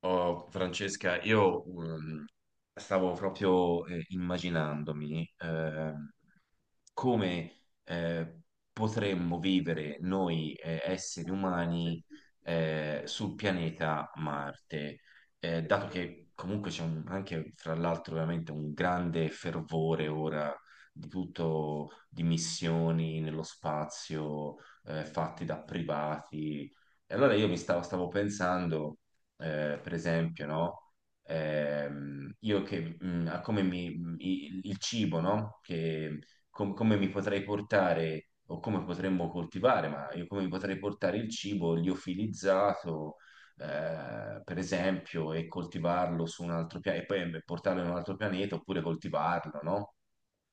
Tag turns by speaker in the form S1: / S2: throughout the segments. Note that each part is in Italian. S1: Oh, Francesca, io stavo proprio immaginandomi, come potremmo vivere noi esseri umani sul pianeta Marte. Dato che comunque anche, fra l'altro, veramente un grande fervore ora di tutto, di missioni nello spazio fatte da privati. E allora stavo pensando, per esempio, no? Io che, a il cibo, no? Che come mi potrei portare o come potremmo coltivare, ma io come mi potrei portare il cibo liofilizzato, per esempio, e coltivarlo su un altro pianeta, e poi portarlo in un altro pianeta oppure coltivarlo, no?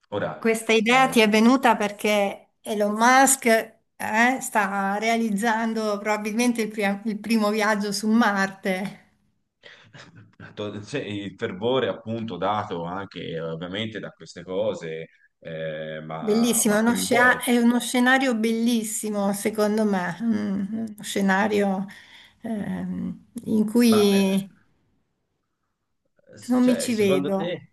S1: Ora,
S2: Questa idea
S1: eh,
S2: ti è venuta perché Elon Musk, sta realizzando probabilmente il, il primo viaggio su Marte.
S1: se il fervore appunto dato anche ovviamente da queste cose, ma,
S2: Bellissimo,
S1: ma
S2: è uno,
S1: coinvolto.
S2: è uno scenario bellissimo, secondo me. Mm, uno scenario in
S1: Ma
S2: cui non mi
S1: cioè,
S2: ci
S1: secondo
S2: vedo.
S1: te?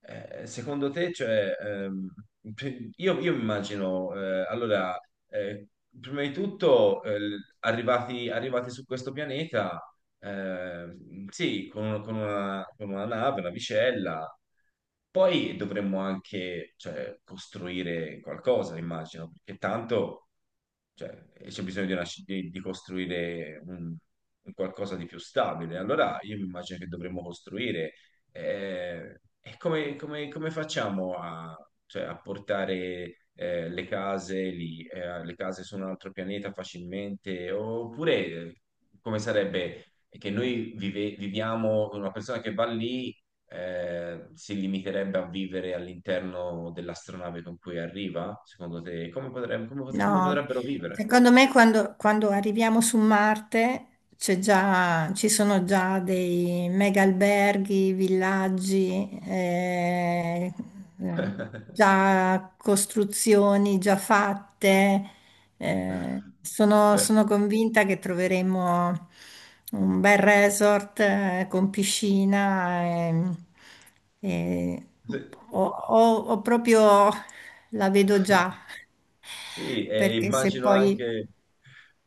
S1: Secondo te, cioè, io mi immagino, allora, eh, prima di tutto, arrivati su questo pianeta, sì, con, con una nave, una vicella, poi dovremmo anche, cioè, costruire qualcosa, immagino, perché tanto cioè, e c'è bisogno di, una di costruire un qualcosa di più stabile. Allora io mi immagino che dovremmo costruire. E come, come facciamo a, cioè, a portare le case lì, le case su un altro pianeta facilmente? Oppure come sarebbe che noi viviamo, una persona che va lì si limiterebbe a vivere all'interno dell'astronave con cui arriva? Secondo te, come
S2: No,
S1: potrebbero vivere?
S2: secondo me quando, quando arriviamo su Marte ci sono già dei mega alberghi, villaggi, eh, già costruzioni già fatte. Sono,
S1: Eh,
S2: sono convinta che troveremo un bel resort con piscina, e,
S1: sì.
S2: o proprio la vedo già,
S1: Sì, e
S2: perché se
S1: immagino
S2: poi...
S1: anche,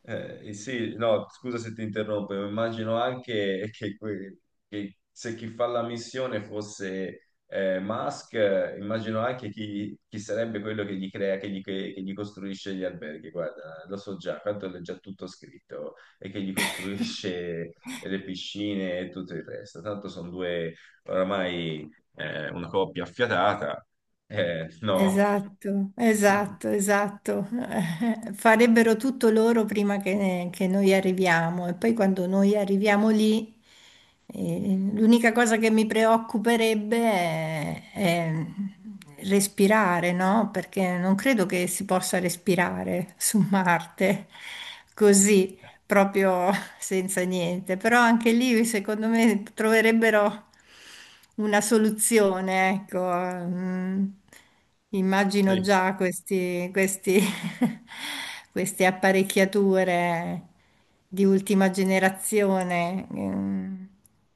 S1: sì, no, scusa se ti interrompo, ma immagino anche che, che se chi fa la missione fosse Musk, immagino anche chi sarebbe quello che gli crea, che gli costruisce gli alberghi, guarda, lo so già, tanto è già tutto scritto, e che gli costruisce le piscine e tutto il resto, tanto sono due oramai una coppia affiatata, no.
S2: Esatto, esatto, esatto. Farebbero tutto loro prima che noi arriviamo, e poi quando noi arriviamo lì, l'unica cosa che mi preoccuperebbe è respirare, no? Perché non credo che si possa respirare su Marte così, proprio, senza niente, però anche lì secondo me troverebbero una soluzione, ecco. Mm, immagino
S1: Sì.
S2: già questi, queste apparecchiature di ultima generazione, mm,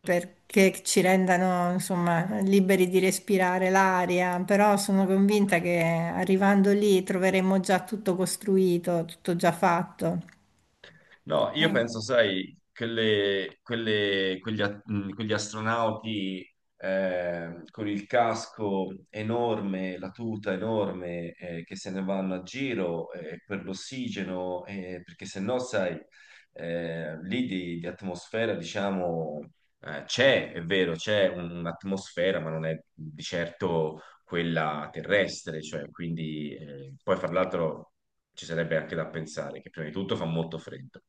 S2: perché ci rendano, insomma, liberi di respirare l'aria, però sono convinta che arrivando lì troveremo già tutto costruito, tutto già fatto.
S1: No, io
S2: Eh,
S1: penso, sai, quegli, quegli astronauti con il casco enorme, la tuta enorme, che se ne vanno a giro per l'ossigeno, perché se no, sai, lì di atmosfera, diciamo, c'è, è vero, c'è un'atmosfera, ma non è di certo quella terrestre, cioè, quindi, poi fra l'altro ci sarebbe anche da pensare che prima di tutto fa molto freddo.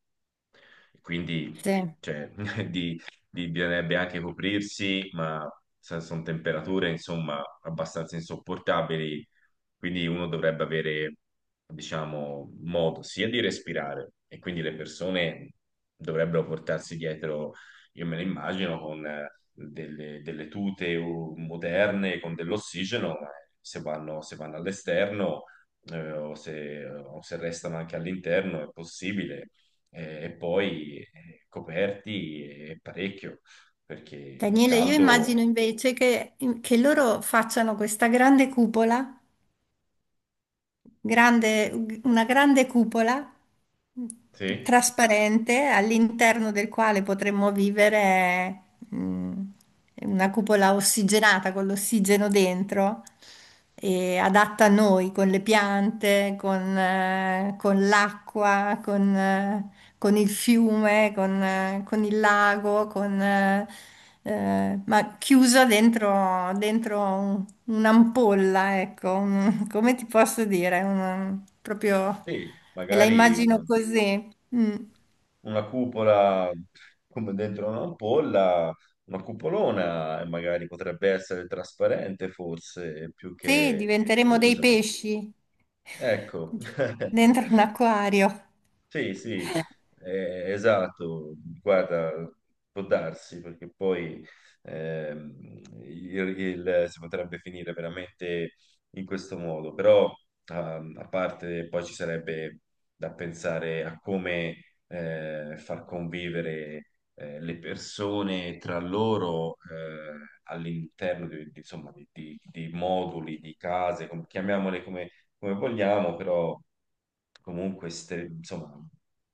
S1: E quindi
S2: sì.
S1: cioè, di, bisognerebbe anche coprirsi, ma sono temperature insomma abbastanza insopportabili, quindi uno dovrebbe avere, diciamo, modo sia di respirare e quindi le persone dovrebbero portarsi dietro, io me lo immagino, con delle tute moderne, con dell'ossigeno, ma se vanno all'esterno o se restano anche all'interno è possibile, e poi coperti parecchio, perché
S2: Daniele, io
S1: caldo,
S2: immagino invece che loro facciano questa grande cupola, una grande cupola, mh,
S1: sì,
S2: trasparente, all'interno del quale potremmo vivere, una cupola ossigenata, con l'ossigeno dentro, e adatta a noi, con le piante, con l'acqua, con il fiume, con il lago, con... ma chiusa dentro, dentro un'ampolla, ecco, un- come ti posso dire? Un- proprio
S1: sì,
S2: me la
S1: magari
S2: immagino così. Mm.
S1: una cupola come dentro un'ampolla, una cupolona, e magari potrebbe essere trasparente forse, più
S2: Sì,
S1: che
S2: diventeremo dei
S1: chiusa.
S2: pesci
S1: Ecco.
S2: dentro un acquario.
S1: Sì, sì, esatto, guarda, può darsi, perché poi si potrebbe finire veramente in questo modo, però a parte, poi ci sarebbe da pensare a come far convivere le persone tra loro all'interno insomma, di moduli, di case, chiamiamole come vogliamo, però comunque insomma,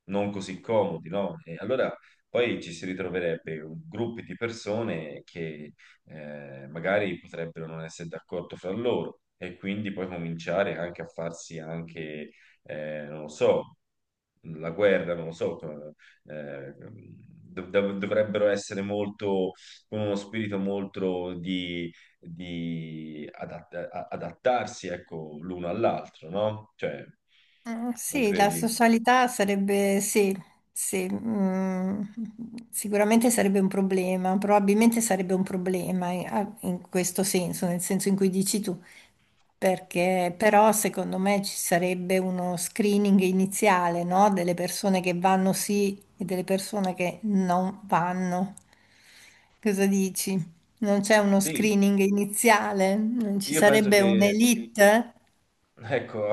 S1: non così comodi, no? E allora poi ci si ritroverebbe gruppi di persone che magari potrebbero non essere d'accordo fra loro e quindi poi cominciare anche a farsi anche, non lo so, la guerra, non lo so, eh, dovrebbero essere molto, con uno spirito molto di adattarsi, ecco, l'uno all'altro, no? Cioè, non
S2: Sì, la
S1: credi?
S2: socialità sarebbe, sì, sì, mm, sicuramente sarebbe un problema, probabilmente sarebbe un problema, in questo senso, nel senso in cui dici tu, perché però secondo me ci sarebbe uno screening iniziale, no? Delle persone che vanno sì e delle persone che non vanno. Cosa dici? Non c'è uno
S1: Sì,
S2: screening iniziale? Non ci
S1: io penso
S2: sarebbe
S1: che.
S2: un'elite?
S1: Ecco,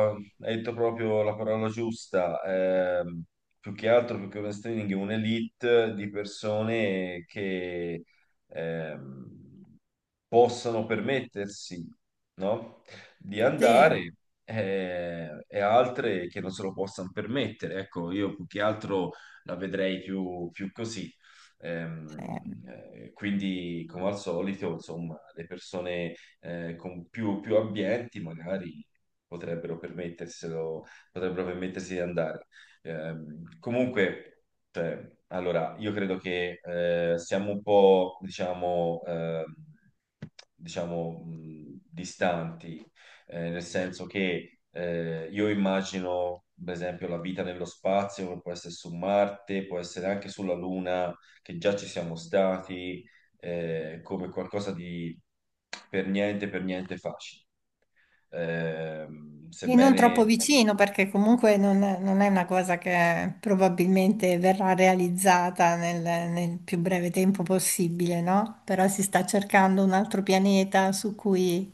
S1: hai detto proprio la parola giusta. Più che altro, più che un streaming, è un'elite di persone che ehm, possano permettersi, no? Di
S2: Sì,
S1: andare e altre che non se lo possano permettere. Ecco, io più che altro la vedrei più, più così.
S2: sì.
S1: Quindi, come al solito, insomma, le persone con più, più ambienti magari potrebbero permetterselo, potrebbero permettersi di andare. Comunque, cioè, allora, io credo che siamo un po', diciamo, diciamo, distanti, nel senso che io immagino, per esempio, la vita nello spazio, che può essere su Marte, può essere anche sulla Luna, che già ci siamo stati come qualcosa di per niente facile.
S2: E non troppo
S1: Sebbene.
S2: vicino, perché comunque non, non è una cosa che probabilmente verrà realizzata nel, nel più breve tempo possibile, no? Però si sta cercando un altro pianeta su cui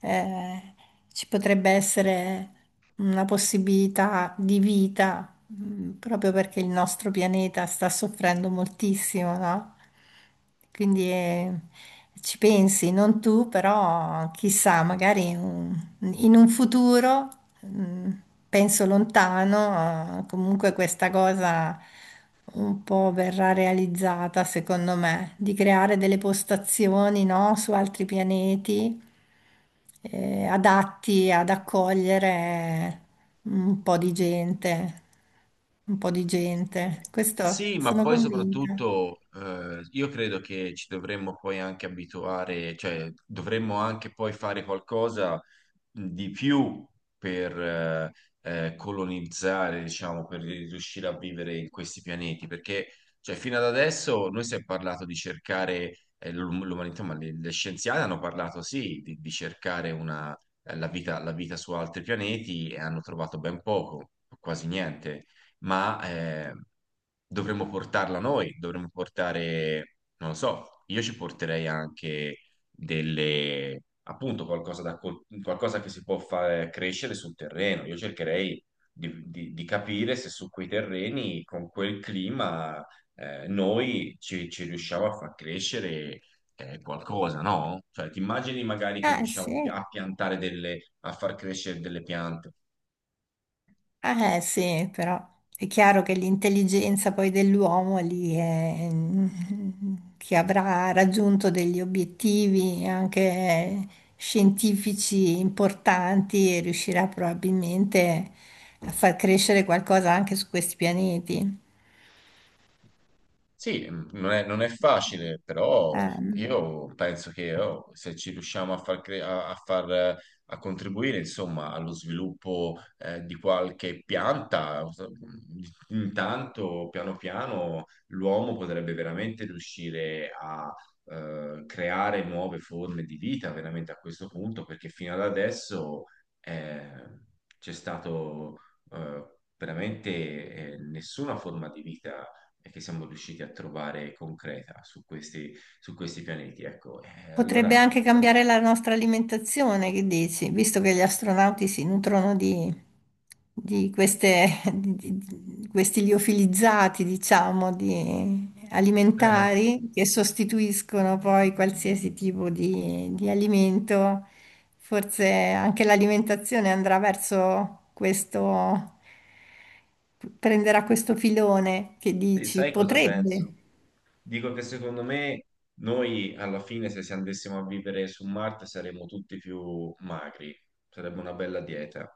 S2: eh, ci potrebbe essere una possibilità di vita. Mm, proprio perché il nostro pianeta sta soffrendo moltissimo, no? Quindi, ci pensi, non tu, però chissà, magari in un futuro, mm, penso lontano, comunque questa cosa un po' verrà realizzata, secondo me, di creare delle postazioni, no, su altri pianeti adatti ad accogliere un po' di gente, un po' di gente. Questo
S1: Sì, ma
S2: sono
S1: poi
S2: convinta.
S1: soprattutto io credo che ci dovremmo poi anche abituare, cioè dovremmo anche poi fare qualcosa di più per colonizzare, diciamo, per riuscire a vivere in questi pianeti, perché cioè, fino ad adesso noi si è parlato di cercare l'umanità, ma le scienziate hanno parlato sì di cercare una, la vita su altri pianeti e hanno trovato ben poco, quasi niente, ma dovremmo portarla noi, dovremmo portare, non lo so, io ci porterei anche delle, appunto, qualcosa, qualcosa che si può far crescere sul terreno. Io cercherei di capire se su quei terreni, con quel clima, noi ci, ci riusciamo a far crescere qualcosa, no? Cioè, ti immagini magari che
S2: Ah
S1: riusciamo
S2: sì,
S1: a piantare delle, a far crescere delle piante.
S2: ah, sì, però è chiaro che l'intelligenza poi dell'uomo lì è, mm, che avrà raggiunto degli obiettivi anche scientifici importanti, e riuscirà probabilmente a far crescere qualcosa anche su questi pianeti.
S1: Sì, non è, non è facile, però
S2: No.
S1: io penso che oh, se ci riusciamo a far, a far, a contribuire, insomma, allo sviluppo di qualche pianta, intanto, piano piano, l'uomo potrebbe veramente riuscire a creare nuove forme di vita, veramente a questo punto, perché fino ad adesso eh, c'è stato eh, veramente nessuna forma di vita e che siamo riusciti a trovare concreta su questi pianeti. Ecco,
S2: Potrebbe
S1: allora,
S2: anche cambiare la nostra alimentazione, che dici? Visto che gli astronauti si nutrono di queste, di questi liofilizzati, diciamo, di
S1: eh,
S2: alimentari che sostituiscono poi qualsiasi tipo di alimento, forse anche l'alimentazione andrà verso questo, prenderà questo filone che
S1: sì,
S2: dici,
S1: sai cosa penso?
S2: potrebbe.
S1: Dico che secondo me noi alla fine, se si andassimo a vivere su Marte, saremmo tutti più magri, sarebbe una bella dieta.